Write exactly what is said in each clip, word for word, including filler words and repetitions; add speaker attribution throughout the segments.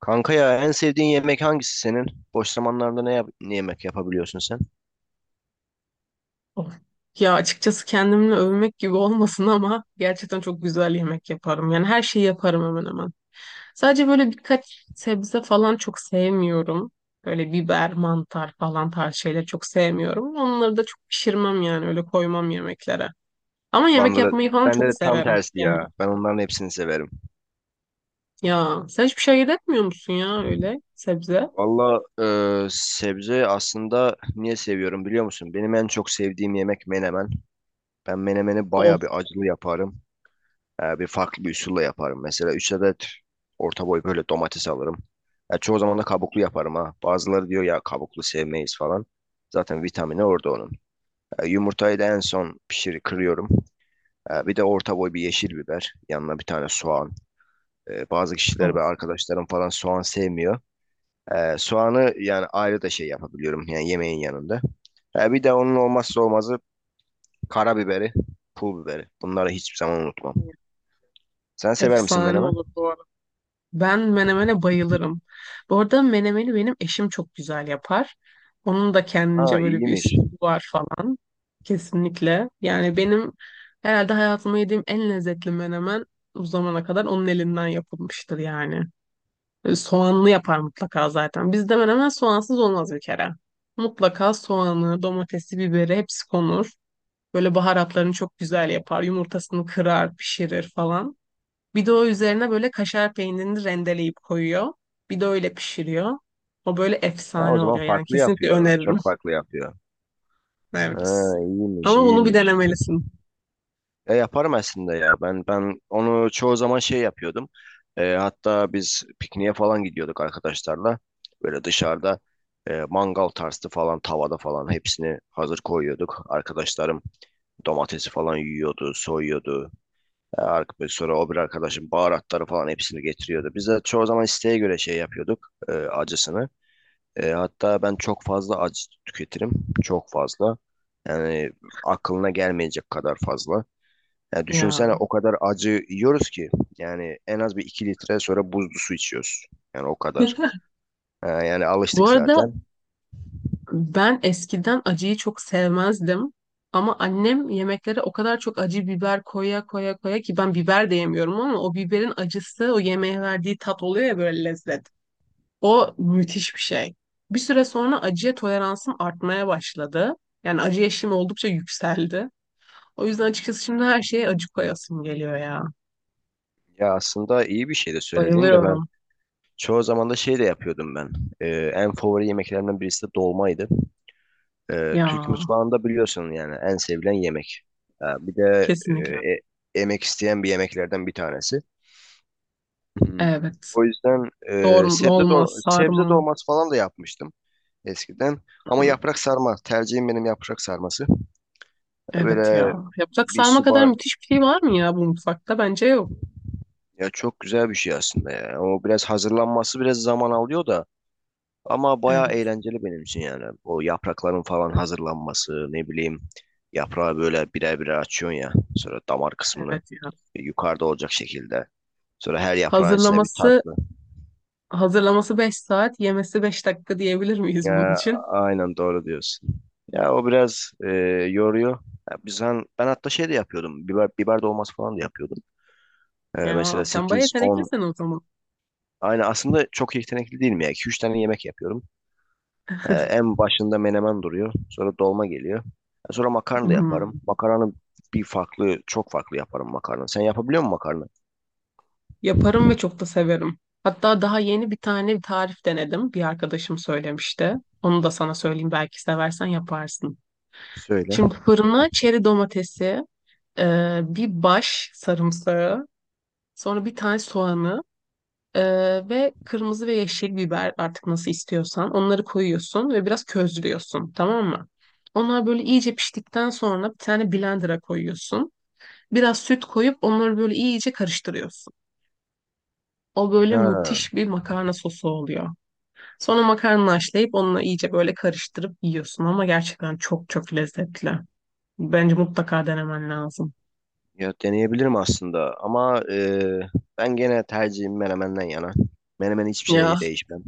Speaker 1: Kanka ya en sevdiğin yemek hangisi senin? Boş zamanlarda ne, yap- ne yemek yapabiliyorsun sen?
Speaker 2: Of. Ya açıkçası kendimle övmek gibi olmasın ama gerçekten çok güzel yemek yaparım. Yani her şeyi yaparım hemen hemen. Sadece böyle birkaç sebze falan çok sevmiyorum. Böyle biber, mantar falan tarz şeyleri çok sevmiyorum. Onları da çok pişirmem yani öyle koymam yemeklere. Ama yemek
Speaker 1: Bende de,
Speaker 2: yapmayı falan
Speaker 1: bende
Speaker 2: çok
Speaker 1: de tam
Speaker 2: severim
Speaker 1: tersi
Speaker 2: yani.
Speaker 1: ya. Ben onların hepsini severim.
Speaker 2: Ya sen hiçbir şey ayırt etmiyor musun ya öyle sebze?
Speaker 1: Valla e, sebze aslında niye seviyorum biliyor musun? Benim en çok sevdiğim yemek menemen. Ben menemeni
Speaker 2: Of
Speaker 1: baya bir acılı yaparım. E, bir farklı bir usulla yaparım. Mesela üç adet orta boy böyle domates alırım. Ya çoğu zaman da kabuklu yaparım ha. Bazıları diyor ya kabuklu sevmeyiz falan. Zaten vitamini orada onun. E, yumurtayı da en son pişir kırıyorum. Ee, bir de orta boy bir yeşil biber. Yanına bir tane soğan. Ee, bazı kişiler ve
Speaker 2: of.
Speaker 1: arkadaşlarım falan soğan sevmiyor. Ee, soğanı yani ayrı da şey yapabiliyorum. Yani yemeğin yanında. Ee, bir de onun olmazsa olmazı karabiberi, pul biberi. Bunları hiçbir zaman unutmam. Sen sever misin
Speaker 2: Efsane
Speaker 1: menemen?
Speaker 2: olur bu arada. Ben menemene bayılırım. Bu arada menemeni benim eşim çok güzel yapar. Onun da
Speaker 1: Ha,
Speaker 2: kendince böyle bir
Speaker 1: iyiymiş.
Speaker 2: üslubu var falan. Kesinlikle. Yani benim herhalde hayatımda yediğim en lezzetli menemen bu zamana kadar onun elinden yapılmıştır yani. E, Soğanlı yapar mutlaka zaten. Bizde menemen soğansız olmaz bir kere. Mutlaka soğanı, domatesi, biberi hepsi konur. Böyle baharatlarını çok güzel yapar. Yumurtasını kırar, pişirir falan. Bir de o üzerine böyle kaşar peynirini rendeleyip koyuyor. Bir de öyle pişiriyor. O böyle
Speaker 1: Ha, o
Speaker 2: efsane
Speaker 1: zaman
Speaker 2: oluyor. Yani
Speaker 1: farklı
Speaker 2: kesinlikle
Speaker 1: yapıyor.
Speaker 2: öneririm.
Speaker 1: Çok farklı yapıyor. Ha,
Speaker 2: Evet.
Speaker 1: iyiymiş,
Speaker 2: Ama bunu bir
Speaker 1: iyiymiş.
Speaker 2: denemelisin.
Speaker 1: E, yaparım aslında ya. Ben ben onu çoğu zaman şey yapıyordum. E, hatta biz pikniğe falan gidiyorduk arkadaşlarla. Böyle dışarıda e, mangal tarzı falan tavada falan hepsini hazır koyuyorduk. Arkadaşlarım domatesi falan yiyordu, soyuyordu. E, ar- sonra o bir arkadaşım baharatları falan hepsini getiriyordu. Biz de çoğu zaman isteğe göre şey yapıyorduk e, acısını. E, hatta ben çok fazla acı tüketirim. Çok fazla. Yani aklına gelmeyecek kadar fazla. Ya düşünsene
Speaker 2: Ya.
Speaker 1: o kadar acı yiyoruz ki yani en az bir iki litre sonra buzlu su içiyoruz. Yani o kadar. Ee, yani
Speaker 2: Bu
Speaker 1: alıştık
Speaker 2: arada
Speaker 1: zaten.
Speaker 2: ben eskiden acıyı çok sevmezdim. Ama annem yemeklere o kadar çok acı biber koya koya koya ki ben biber de yemiyorum ama o biberin acısı o yemeğe verdiği tat oluyor ya böyle lezzet. O müthiş bir şey. Bir süre sonra acıya toleransım artmaya başladı. Yani acı eşiğim oldukça yükseldi. O yüzden açıkçası şimdi her şeye acı koyasım geliyor ya.
Speaker 1: Ya aslında iyi bir şey de söylediğin de ben
Speaker 2: Bayılıyorum.
Speaker 1: çoğu zaman da şey de yapıyordum ben. Ee, en favori yemeklerimden birisi de dolmaydı. Ee, Türk
Speaker 2: Ya
Speaker 1: mutfağında biliyorsun yani en sevilen yemek. Ha, bir de e,
Speaker 2: kesinlikle.
Speaker 1: e- emek isteyen bir yemeklerden bir tanesi. Hmm.
Speaker 2: Evet.
Speaker 1: O yüzden e,
Speaker 2: Doğru
Speaker 1: sebze
Speaker 2: olmaz
Speaker 1: dol sebze
Speaker 2: sarma.
Speaker 1: dolması falan da yapmıştım eskiden. Ama
Speaker 2: Hı,
Speaker 1: yaprak sarma. Tercihim benim yaprak sarması.
Speaker 2: evet
Speaker 1: Böyle
Speaker 2: ya. Yapacak
Speaker 1: bir
Speaker 2: sarma kadar
Speaker 1: subar
Speaker 2: müthiş bir şey var mı ya bu mutfakta? Bence yok.
Speaker 1: ya çok güzel bir şey aslında ya. O biraz hazırlanması biraz zaman alıyor da ama bayağı
Speaker 2: Evet.
Speaker 1: eğlenceli benim için yani. O yaprakların falan hazırlanması, ne bileyim, yaprağı böyle birer birer açıyorsun ya. Sonra damar kısmını
Speaker 2: Evet ya.
Speaker 1: yukarıda olacak şekilde. Sonra her yaprağın içine bir
Speaker 2: Hazırlaması
Speaker 1: tatlı.
Speaker 2: hazırlaması beş saat, yemesi beş dakika diyebilir miyiz bunun
Speaker 1: Ya
Speaker 2: için?
Speaker 1: aynen doğru diyorsun. Ya o biraz e, yoruyor. Ya biz han- ben hatta şey de yapıyordum. Biber biber dolması falan da yapıyordum. Ee,
Speaker 2: Ya
Speaker 1: mesela
Speaker 2: sen bayağı
Speaker 1: sekiz on.
Speaker 2: yeteneklisin o zaman.
Speaker 1: Aynı aslında çok yetenekli değilim ya. iki üç tane yemek yapıyorum. Ee, en başında menemen duruyor. Sonra dolma geliyor. Ee, Sonra makarna da yaparım.
Speaker 2: Hı.
Speaker 1: Makarnanı bir farklı, çok farklı yaparım makarna. Sen yapabiliyor musun makarna?
Speaker 2: Yaparım ve çok da severim. Hatta daha yeni bir tane bir tarif denedim. Bir arkadaşım söylemişti. Onu da sana söyleyeyim belki seversen yaparsın.
Speaker 1: Söyle.
Speaker 2: Şimdi fırına çeri domatesi, e, bir baş sarımsağı, sonra bir tane soğanı e, ve kırmızı ve yeşil biber artık nasıl istiyorsan onları koyuyorsun ve biraz közlüyorsun, tamam mı? Onlar böyle iyice piştikten sonra bir tane blender'a koyuyorsun. Biraz süt koyup onları böyle iyice karıştırıyorsun. O böyle
Speaker 1: Ha,
Speaker 2: müthiş bir makarna sosu oluyor. Sonra makarnayı haşlayıp onunla iyice böyle karıştırıp yiyorsun ama gerçekten çok çok lezzetli. Bence mutlaka denemen lazım.
Speaker 1: ya deneyebilirim aslında ama e, ben gene tercihim menemenden yana. Menemen hiçbir
Speaker 2: Ya
Speaker 1: şey değişmem.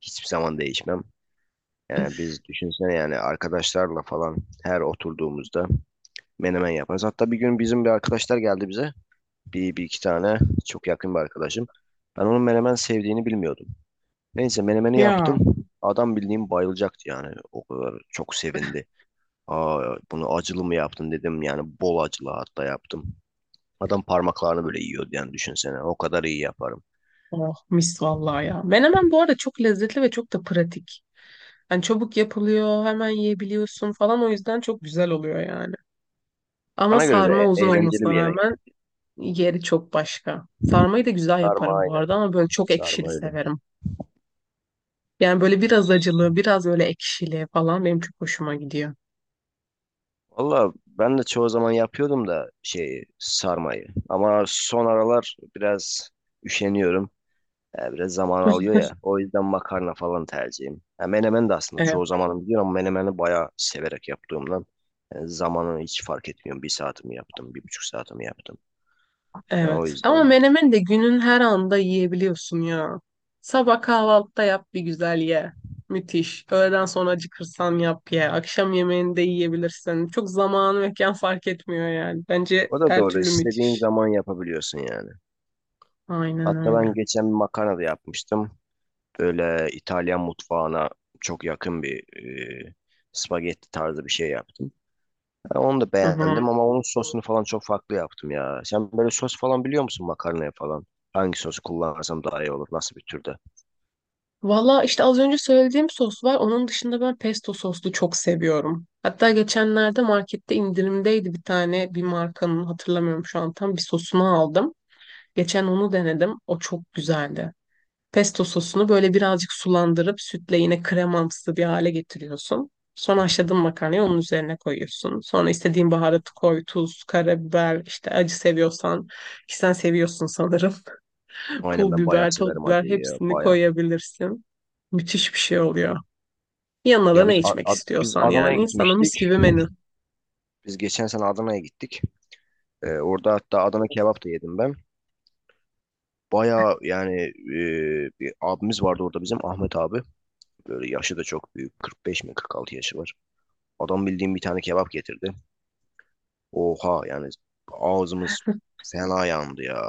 Speaker 1: Hiçbir zaman değişmem. Yani biz düşünsene yani arkadaşlarla falan her oturduğumuzda menemen yaparız. Hatta bir gün bizim bir arkadaşlar geldi bize. Bir, bir iki tane çok yakın bir arkadaşım. Ben onun menemen sevdiğini bilmiyordum. Neyse menemeni
Speaker 2: ya
Speaker 1: yaptım. Adam bildiğim bayılacaktı yani. O kadar çok sevindi. Aa, bunu acılı mı yaptın dedim. Yani bol acılı hatta yaptım. Adam parmaklarını böyle yiyordu yani düşünsene. O kadar iyi yaparım.
Speaker 2: oh mis vallahi ya. Menemen bu arada çok lezzetli ve çok da pratik. Yani çabuk yapılıyor, hemen yiyebiliyorsun falan o yüzden çok güzel oluyor yani. Ama
Speaker 1: Bana göre de
Speaker 2: sarma
Speaker 1: e-
Speaker 2: uzun
Speaker 1: eğlenceli
Speaker 2: olmasına
Speaker 1: bir yemek.
Speaker 2: rağmen yeri çok başka. Sarmayı da güzel
Speaker 1: Sarma
Speaker 2: yaparım bu
Speaker 1: aynen.
Speaker 2: arada ama böyle çok ekşili
Speaker 1: Sarma öyle.
Speaker 2: severim. Yani böyle
Speaker 1: Ya,
Speaker 2: biraz acılı, biraz öyle ekşili falan benim çok hoşuma gidiyor.
Speaker 1: valla ben de çoğu zaman yapıyordum da şeyi sarmayı. Ama son aralar biraz üşeniyorum. E, biraz zaman alıyor ya. O yüzden makarna falan tercihim. Ha, menemen de aslında çoğu
Speaker 2: Evet.
Speaker 1: zamanım gidiyor ama menemeni bayağı severek yaptığımdan e, zamanı hiç fark etmiyorum. Bir saatimi yaptım, bir buçuk saatimi yaptım. Yani o
Speaker 2: Evet. Ama
Speaker 1: yüzden.
Speaker 2: menemen de günün her anda yiyebiliyorsun ya. Sabah kahvaltıda yap bir güzel ye. Müthiş. Öğleden sonra acıkırsan yap ye. Akşam yemeğini de yiyebilirsin. Çok zaman mekan fark etmiyor yani. Bence
Speaker 1: O da
Speaker 2: her
Speaker 1: doğru.
Speaker 2: türlü
Speaker 1: İstediğin
Speaker 2: müthiş.
Speaker 1: zaman yapabiliyorsun yani.
Speaker 2: Aynen
Speaker 1: Hatta ben
Speaker 2: öyle.
Speaker 1: geçen bir makarna da yapmıştım. Böyle İtalyan mutfağına çok yakın bir e, spagetti tarzı bir şey yaptım. Ben onu da
Speaker 2: Hı hı.
Speaker 1: beğendim ama onun sosunu falan çok farklı yaptım ya. Sen böyle sos falan biliyor musun makarnaya falan? Hangi sosu kullansam daha iyi olur? Nasıl bir türde?
Speaker 2: Valla işte az önce söylediğim sos var. Onun dışında ben pesto soslu çok seviyorum. Hatta geçenlerde markette indirimdeydi, bir tane bir markanın hatırlamıyorum şu an tam, bir sosunu aldım. Geçen onu denedim. O çok güzeldi. Pesto sosunu böyle birazcık sulandırıp sütle yine kremamsı bir hale getiriyorsun. Sonra haşladığın makarnayı onun üzerine koyuyorsun. Sonra istediğin baharatı koy, tuz, karabiber, işte acı seviyorsan, ki sen seviyorsun sanırım.
Speaker 1: Aynen,
Speaker 2: Pul
Speaker 1: ben bayağı
Speaker 2: biber, toz
Speaker 1: severim
Speaker 2: biber
Speaker 1: acıyı ya,
Speaker 2: hepsini
Speaker 1: bayağı.
Speaker 2: koyabilirsin. Müthiş bir şey oluyor. Yanına da
Speaker 1: Ya biz
Speaker 2: ne içmek
Speaker 1: A- A- biz
Speaker 2: istiyorsan
Speaker 1: Adana'ya
Speaker 2: yani. Sana
Speaker 1: gitmiştik.
Speaker 2: mis gibi menü.
Speaker 1: Biz geçen sene Adana'ya gittik. Ee, orada hatta Adana kebap da yedim ben. Bayağı yani, e, bir abimiz vardı orada, bizim Ahmet abi. Böyle yaşı da çok büyük. kırk beş mi kırk altı yaşı var. Adam bildiğim bir tane kebap getirdi. Oha yani, ağzımız fena yandı ya.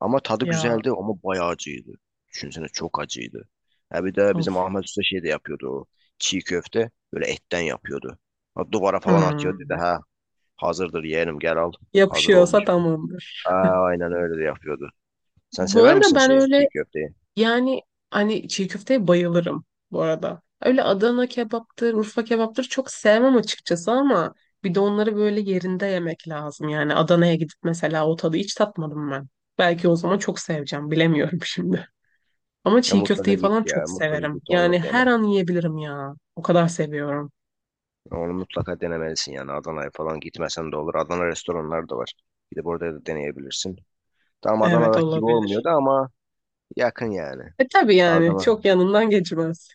Speaker 1: Ama tadı
Speaker 2: Ya
Speaker 1: güzeldi, ama bayağı acıydı. Düşünsene, çok acıydı. Ha, bir de bizim
Speaker 2: of.
Speaker 1: Ahmet Usta şey de yapıyordu o. Çiğ köfte böyle etten yapıyordu. Ha, duvara falan atıyordu dedi
Speaker 2: Hmm.
Speaker 1: ha, hazırdır yeğenim gel al. Hazır olmuş.
Speaker 2: Yapışıyorsa tamamdır.
Speaker 1: Aa, aynen öyle de yapıyordu. Sen
Speaker 2: Bu
Speaker 1: sever
Speaker 2: arada
Speaker 1: misin
Speaker 2: ben
Speaker 1: şey,
Speaker 2: öyle.
Speaker 1: çiğ köfteyi?
Speaker 2: Yani hani çiğ köfteye bayılırım bu arada. Öyle Adana kebaptır, Urfa kebaptır çok sevmem açıkçası ama bir de onları böyle yerinde yemek lazım. Yani Adana'ya gidip mesela o tadı hiç tatmadım ben. Belki o zaman çok seveceğim, bilemiyorum şimdi. Ama
Speaker 1: Ya
Speaker 2: çiğ
Speaker 1: mutlaka
Speaker 2: köfteyi
Speaker 1: git,
Speaker 2: falan
Speaker 1: ya
Speaker 2: çok
Speaker 1: mutlaka
Speaker 2: severim.
Speaker 1: git onu
Speaker 2: Yani
Speaker 1: dene.
Speaker 2: her an yiyebilirim ya. O kadar seviyorum.
Speaker 1: Onu mutlaka denemelisin, yani Adana'ya falan gitmesen de olur. Adana restoranları da var. Gidip orada da deneyebilirsin. Tam
Speaker 2: Evet,
Speaker 1: Adana'daki gibi
Speaker 2: olabilir.
Speaker 1: olmuyordu ama yakın yani.
Speaker 2: E tabii yani
Speaker 1: Adana.
Speaker 2: çok yanından geçmez.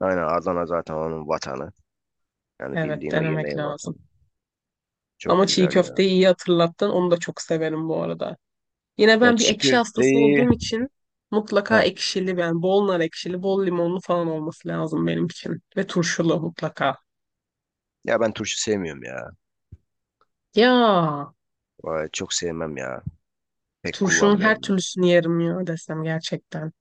Speaker 1: Aynen, Adana zaten onun vatanı. Yani
Speaker 2: Evet,
Speaker 1: bildiğin o
Speaker 2: denemek
Speaker 1: yemeğin vatanı.
Speaker 2: lazım.
Speaker 1: Çok
Speaker 2: Ama çiğ
Speaker 1: güzel ya.
Speaker 2: köfteyi iyi hatırlattın. Onu da çok severim bu arada. Yine
Speaker 1: Ya
Speaker 2: ben bir
Speaker 1: çiğ
Speaker 2: ekşi hastası
Speaker 1: köfteyi...
Speaker 2: olduğum için mutlaka
Speaker 1: Ha.
Speaker 2: ekşili yani bol nar ekşili, bol limonlu falan olması lazım benim için. Ve turşulu mutlaka.
Speaker 1: Ya ben turşu sevmiyorum ya.
Speaker 2: Ya
Speaker 1: Vay, çok sevmem ya. Pek
Speaker 2: turşunun her
Speaker 1: kullanmıyorum ben.
Speaker 2: türlüsünü yerim ya desem gerçekten.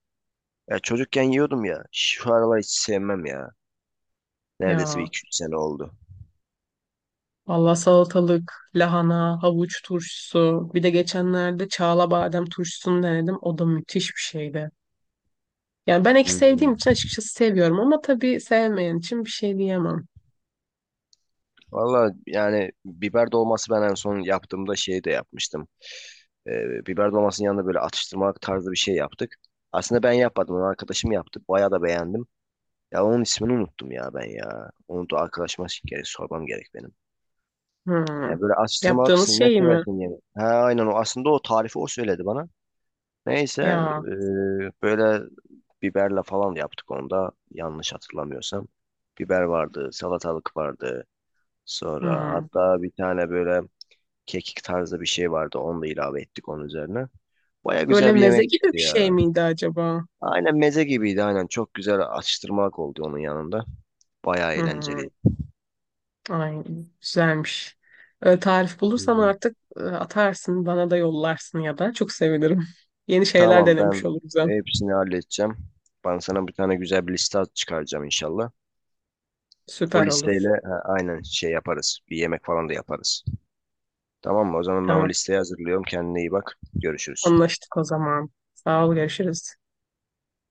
Speaker 1: Ya çocukken yiyordum ya. Şu aralar hiç sevmem ya. Neredeyse bir
Speaker 2: Ya
Speaker 1: iki üç sene oldu.
Speaker 2: valla salatalık, lahana, havuç turşusu. Bir de geçenlerde çağla badem turşusunu denedim. O da müthiş bir şeydi. Yani ben ekşi sevdiğim
Speaker 1: Hmm.
Speaker 2: için açıkçası seviyorum ama tabii sevmeyen için bir şey diyemem.
Speaker 1: Valla yani, biber dolması ben en son yaptığımda şey de yapmıştım. Ee, biber dolmasının yanında böyle atıştırmalık tarzı bir şey yaptık. Aslında ben yapmadım, onu arkadaşım yaptı. Bayağı da beğendim. Ya onun ismini unuttum ya ben ya. Onu da arkadaşıma gerek, sormam gerek benim.
Speaker 2: Hmm.
Speaker 1: Ya böyle atıştırmalık,
Speaker 2: Yaptığınız
Speaker 1: atıştırmalıksın ne
Speaker 2: şey mi?
Speaker 1: seversin diye. Ha aynen, o aslında o tarifi o söyledi bana. Neyse
Speaker 2: Ya.
Speaker 1: e, böyle biberle falan yaptık onda, yanlış hatırlamıyorsam. Biber vardı, salatalık vardı. Sonra
Speaker 2: Hmm.
Speaker 1: hatta bir tane böyle kekik tarzı bir şey vardı. Onu da ilave ettik onun üzerine. Baya
Speaker 2: Böyle
Speaker 1: güzel bir
Speaker 2: meze
Speaker 1: yemek
Speaker 2: gibi bir
Speaker 1: çıktı
Speaker 2: şey
Speaker 1: ya.
Speaker 2: miydi acaba?
Speaker 1: Aynen meze gibiydi, aynen. Çok güzel atıştırmalık oldu onun yanında. Baya
Speaker 2: Hmm,
Speaker 1: eğlenceliydi.
Speaker 2: ay güzelmiş. Ee, tarif
Speaker 1: Hı
Speaker 2: bulursan
Speaker 1: hı.
Speaker 2: artık e, atarsın, bana da yollarsın ya da çok sevinirim. Yeni şeyler
Speaker 1: Tamam,
Speaker 2: denemiş
Speaker 1: ben
Speaker 2: oluruz hem.
Speaker 1: hepsini halledeceğim. Ben sana bir tane güzel bir liste çıkaracağım inşallah. O
Speaker 2: Süper olur.
Speaker 1: listeyle ha, aynen şey yaparız. Bir yemek falan da yaparız. Tamam mı? O zaman ben o
Speaker 2: Tamam,
Speaker 1: listeyi hazırlıyorum. Kendine iyi bak. Görüşürüz.
Speaker 2: anlaştık o zaman. Sağ ol, görüşürüz.